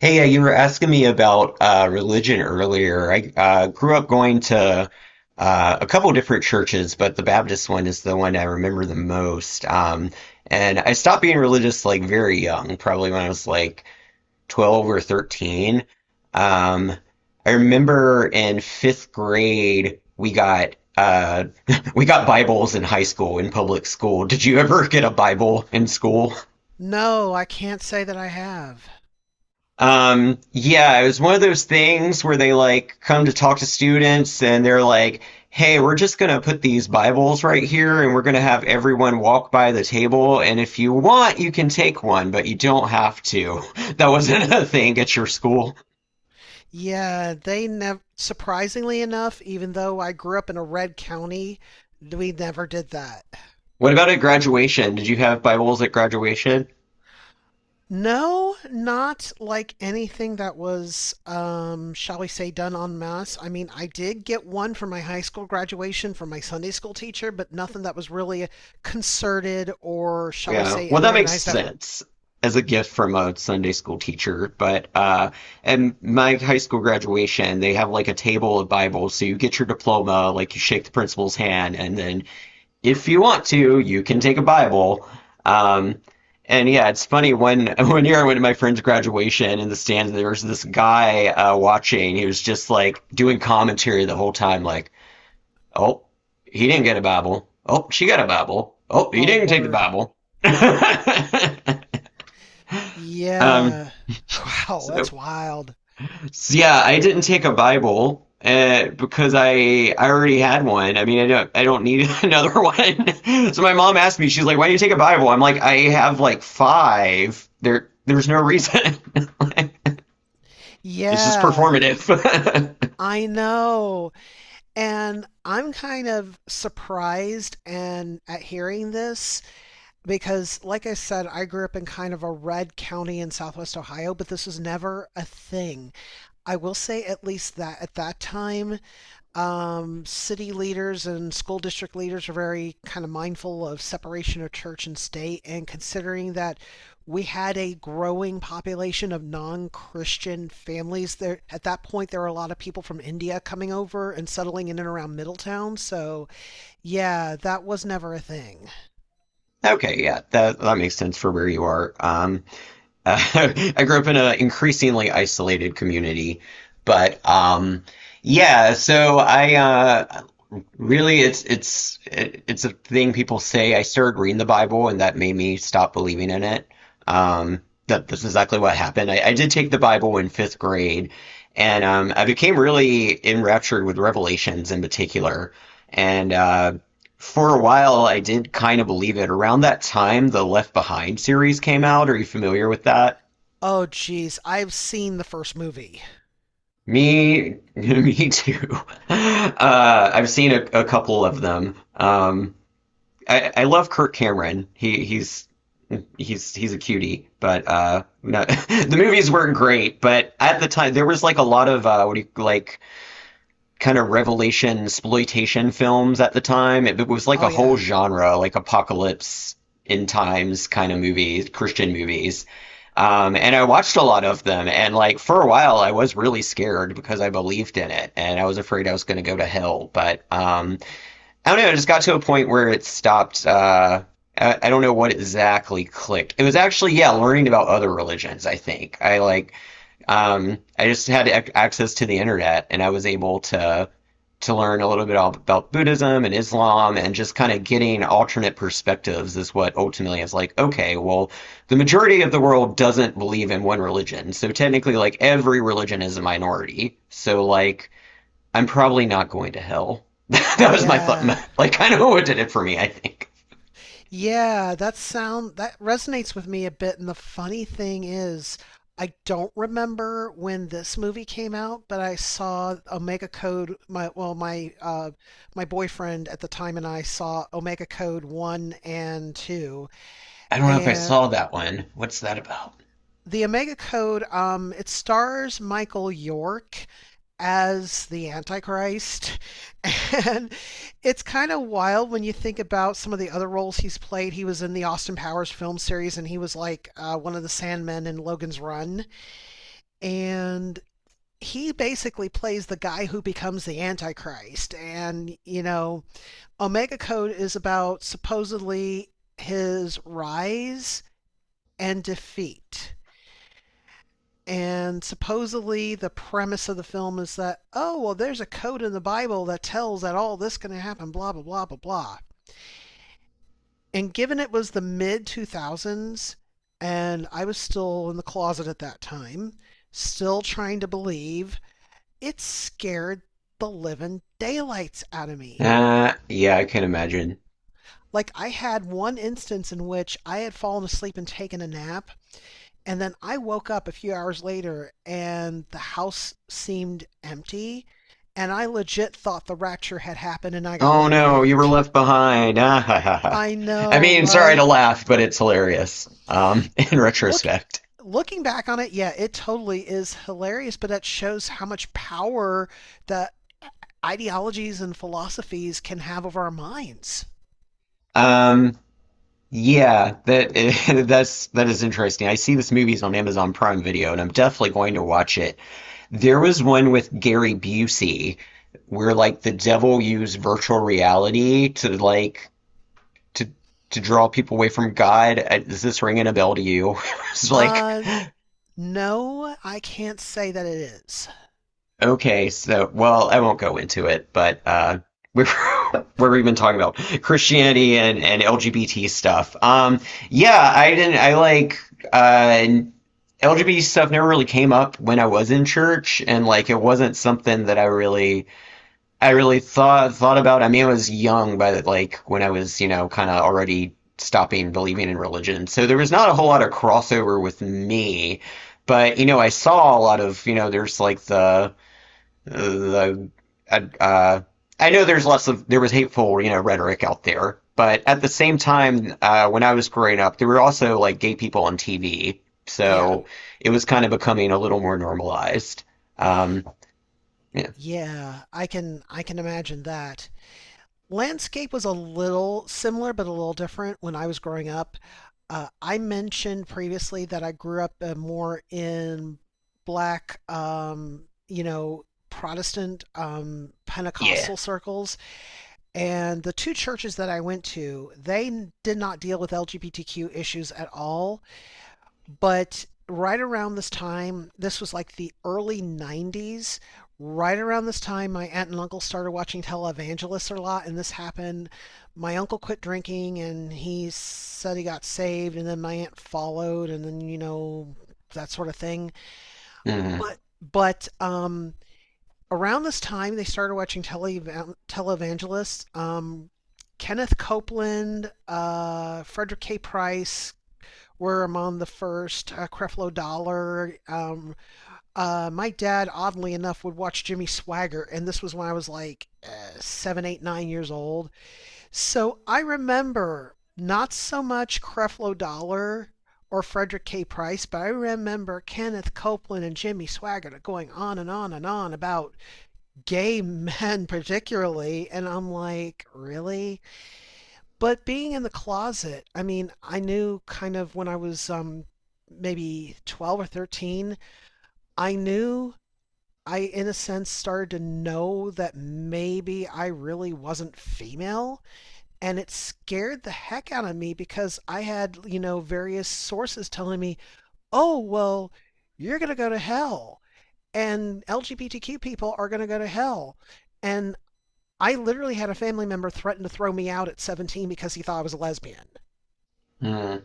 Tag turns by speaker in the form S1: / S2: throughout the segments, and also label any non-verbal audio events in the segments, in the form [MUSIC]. S1: Hey, you were asking me about religion earlier. I grew up going to a couple different churches, but the Baptist one is the one I remember the most. And I stopped being religious like very young, probably when I was like 12 or 13. Um, I remember in fifth grade we got [LAUGHS] we got Bibles in high school in public school. Did you ever get a Bible in school?
S2: No, I can't say that I have.
S1: Yeah, it was one of those things where they like come to talk to students and they're like, hey, we're just gonna put these Bibles right here and we're gonna have everyone walk by the table. And if you want, you can take one, but you don't have to. [LAUGHS] That wasn't a thing at your school.
S2: Yeah, they never, surprisingly enough, even though I grew up in a red county, we never did that.
S1: What about at graduation? Did you have Bibles at graduation?
S2: No, not like anything that was, shall we say, done en masse. I mean, I did get one for my high school graduation from my Sunday school teacher, but nothing that was really a concerted or, shall we
S1: Yeah.
S2: say,
S1: Well,
S2: an
S1: that makes
S2: organized effort.
S1: sense as a gift from a Sunday school teacher. But and my high school graduation, they have like a table of Bibles. So you get your diploma, like you shake the principal's hand, and then if you want to, you can take a Bible. Um and yeah, it's funny when [LAUGHS] one year I went to my friend's graduation in the stands, there was this guy watching. He was just like doing commentary the whole time, like oh, he didn't get a Bible. Oh, she got a Bible. Oh, he
S2: Oh,
S1: didn't take the
S2: word.
S1: Bible. [LAUGHS] um,
S2: Yeah. [LAUGHS] Wow, that's
S1: so,
S2: wild.
S1: so yeah, I didn't take a Bible because I already had one. I mean, I don't need another one. [LAUGHS] So my mom asked me, she's like, "Why do you take a Bible?" I'm like, "I have like five. There's no reason. [LAUGHS] It's just
S2: Yeah.
S1: performative."
S2: I know. And I'm kind of surprised and at hearing this because like I said, I grew up in kind of a red county in southwest Ohio, but this was never a thing. I will say at least that at that time, city leaders and school district leaders are very kind of mindful of separation of church and state, and considering that we had a growing population of non-Christian families there, at that point there were a lot of people from India coming over and settling in and around Middletown. So yeah, that was never a thing.
S1: [LAUGHS] Okay, yeah, that makes sense for where you are. Uh, [LAUGHS] I grew up in an increasingly isolated community, but yeah. So I really, it's a thing people say. I started reading the Bible, and that made me stop believing in it. Um, that's exactly what happened. I did take the Bible in fifth grade, and I became really enraptured with Revelations in particular. And for a while, I did kind of believe it. Around that time, the Left Behind series came out. Are you familiar with that?
S2: Oh geez, I've seen the first movie.
S1: Me, [LAUGHS] me too. I've seen a couple of them. I love Kirk Cameron. He he's a cutie, but no, [LAUGHS] the movies weren't great. But at the time, there was like a lot of what do you like kind of revelation exploitation films at the time. It was like
S2: Oh
S1: a whole
S2: yeah.
S1: genre, like apocalypse in times kind of movies, Christian movies. And I watched a lot of them. And like for a while, I was really scared because I believed in it and I was afraid I was going to go to hell. But I don't know. It just got to a point where it stopped. I don't know what exactly clicked. It was actually, yeah, learning about other religions, I think. I just had ac access to the internet, and I was able to learn a little bit about Buddhism and Islam, and just kind of getting alternate perspectives is what ultimately is like, okay, well, the majority of the world doesn't believe in one religion, so technically, like every religion is a minority. So like, I'm probably not going to hell. [LAUGHS] That was my thought,
S2: Yeah.
S1: like kind of [LAUGHS] what did it for me, I think.
S2: Yeah, that sound that resonates with me a bit. And the funny thing is, I don't remember when this movie came out, but I saw Omega Code. My, well, my my boyfriend at the time and I saw Omega Code one and two,
S1: I don't know if I
S2: and
S1: saw that one. What's that about?
S2: the Omega Code. It stars Michael York as the Antichrist. [LAUGHS] And it's kind of wild when you think about some of the other roles he's played. He was in the Austin Powers film series and he was like one of the Sandmen in Logan's Run. And he basically plays the guy who becomes the Antichrist. And, you know, Omega Code is about supposedly his rise and defeat. And supposedly, the premise of the film is that, oh, well, there's a code in the Bible that tells that all this is going to happen, blah, blah, blah, blah, blah. And given it was the mid 2000s, and I was still in the closet at that time, still trying to believe, it scared the living daylights out of me.
S1: Yeah, I can imagine.
S2: Like, I had one instance in which I had fallen asleep and taken a nap, and then I woke up a few hours later and the house seemed empty. And I legit thought the rapture had happened and I got
S1: Oh
S2: left
S1: no, you were
S2: behind.
S1: left behind. [LAUGHS] Ah, ha, ha, ha.
S2: I
S1: I
S2: know,
S1: mean, sorry to
S2: right?
S1: laugh, but it's hilarious. [LAUGHS] In
S2: Look,
S1: retrospect.
S2: looking back on it, yeah, it totally is hilarious, but that shows how much power the ideologies and philosophies can have over our minds.
S1: Um, yeah, that [LAUGHS] that's that is interesting. I see this movie's on Amazon Prime Video, and I'm definitely going to watch it. There was one with Gary Busey where like the devil used virtual reality to to draw people away from God. Is this ringing a bell to you? [LAUGHS] It's like
S2: Uh, no, I can't say that it is.
S1: okay, so well, I won't go into it, but [LAUGHS] we've been [LAUGHS] talking about Christianity and LGBT stuff. Yeah, I didn't. I like uh, LGBT stuff never really came up when I was in church, and like it wasn't something that I really thought about. I mean, I was young, but like when I was, you know, kind of already stopping believing in religion, so there was not a whole lot of crossover with me. But you know, I saw a lot of, you know, there's like the uh, uh, I know there's less of there was hateful you know rhetoric out there, but at the same time, when I was growing up, there were also like gay people on TV,
S2: Yeah,
S1: so it was kind of becoming a little more normalized. Um, yeah,
S2: yeah, I can imagine that. Landscape was a little similar, but a little different when I was growing up. I mentioned previously that I grew up more in black, you know, Protestant,
S1: yeah.
S2: Pentecostal circles, and the two churches that I went to, they did not deal with LGBTQ issues at all. But right around this time, this was like the early 90s. Right around this time, my aunt and uncle started watching televangelists a lot, and this happened. My uncle quit drinking and he said he got saved, and then my aunt followed, and then, you know, that sort of thing.
S1: Mm,
S2: But, but, around this time, they started watching televangelists. Kenneth Copeland, Frederick K. Price, were among the first. Creflo Dollar. My dad, oddly enough, would watch Jimmy Swagger, and this was when I was like 7, 8, 9 years old. So I remember not so much Creflo Dollar or Frederick K. Price, but I remember Kenneth Copeland and Jimmy Swaggart going on and on and on about gay [LAUGHS] men, particularly. And I'm like, really? But being in the closet, I mean, I knew kind of when I was maybe 12 or 13. I knew, I, in a sense, started to know that maybe I really wasn't female. And it scared the heck out of me because I had, you know, various sources telling me, oh, well, you're going to go to hell. And LGBTQ people are going to go to hell. And I literally had a family member threaten to throw me out at 17 because he thought I was a lesbian.
S1: mm.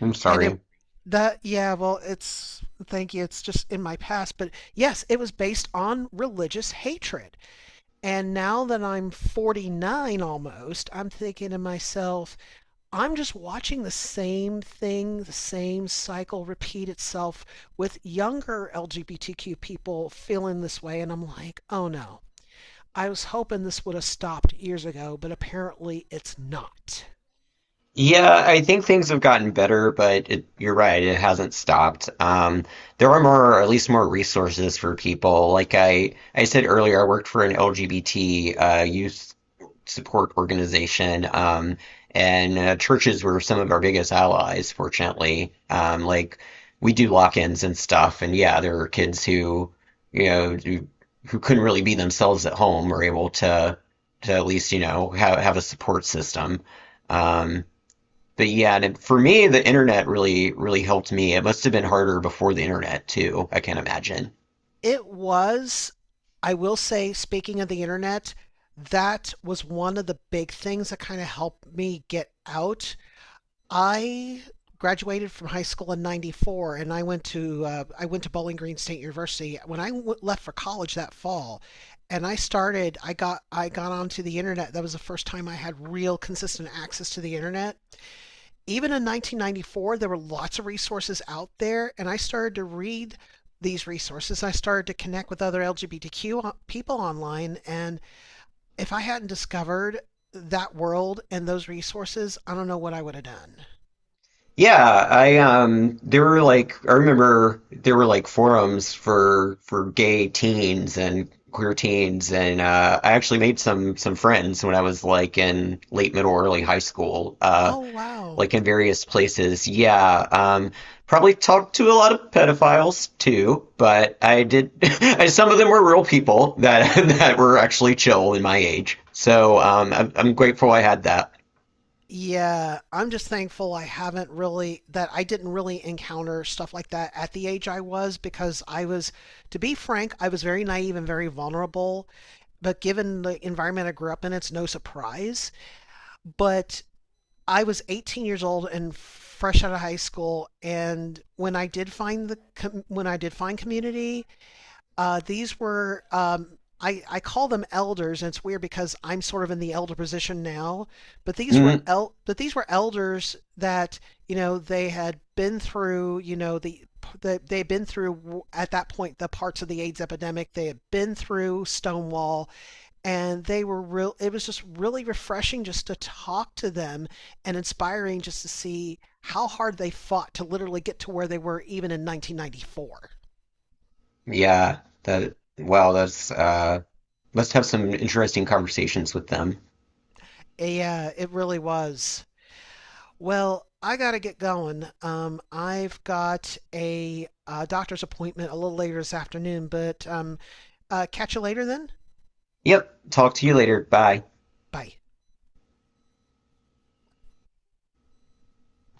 S1: I'm
S2: And it
S1: sorry.
S2: that yeah, well, it's, thank you. It's just in my past, but yes, it was based on religious hatred. And now that I'm 49 almost, I'm thinking to myself, I'm just watching the same thing, the same cycle repeat itself with younger LGBTQ people feeling this way and I'm like, "Oh no. I was hoping this would have stopped years ago, but apparently it's not."
S1: Yeah, I think things have gotten better, but it, you're right, it hasn't stopped. There are more, at least more resources for people. Like I said earlier, I worked for an LGBT youth support organization, and churches were some of our biggest allies, fortunately. Like we do lock-ins and stuff, and yeah, there are kids who, you know, who couldn't really be themselves at home are able to at least, you know, have a support system. Um, but yeah, and for me, the internet really, really helped me. It must have been harder before the internet too, I can't imagine.
S2: It was, I will say, speaking of the internet, that was one of the big things that kind of helped me get out. I graduated from high school in 94 and I went to Bowling Green State University when I left for college that fall. And I got onto the internet. That was the first time I had real consistent access to the internet. Even in 1994, there were lots of resources out there, and I started to read these resources. I started to connect with other LGBTQ people online, and if I hadn't discovered that world and those resources, I don't know what I would have done.
S1: Yeah, I there were like I remember there were like forums for gay teens and queer teens, and I actually made some friends when I was like in late middle early high school.
S2: Oh, wow.
S1: Like in various places. Yeah, probably talked to a lot of pedophiles too, but I did. [LAUGHS] Some of them were real people that [LAUGHS] that were actually chill in my age. So I'm grateful I had that.
S2: Yeah, I'm just thankful I haven't really, that I didn't really encounter stuff like that at the age I was, because I was, to be frank, I was very naive and very vulnerable. But given the environment I grew up in, it's no surprise. But I was 18 years old and fresh out of high school, and when I did find community, these were, I call them elders, and it's weird because I'm sort of in the elder position now, but
S1: Mm,
S2: but these were elders that, you know, they had been through, you know, the that they've been through at that point the parts of the AIDS epidemic. They had been through Stonewall and they were real. It was just really refreshing just to talk to them and inspiring just to see how hard they fought to literally get to where they were even in 1994.
S1: yeah, that wow, that's must have some interesting conversations with them.
S2: Yeah, it really was. Well, I gotta get going. I've got a, doctor's appointment a little later this afternoon. But catch you later then.
S1: Yep, talk to you later. Bye.
S2: Bye.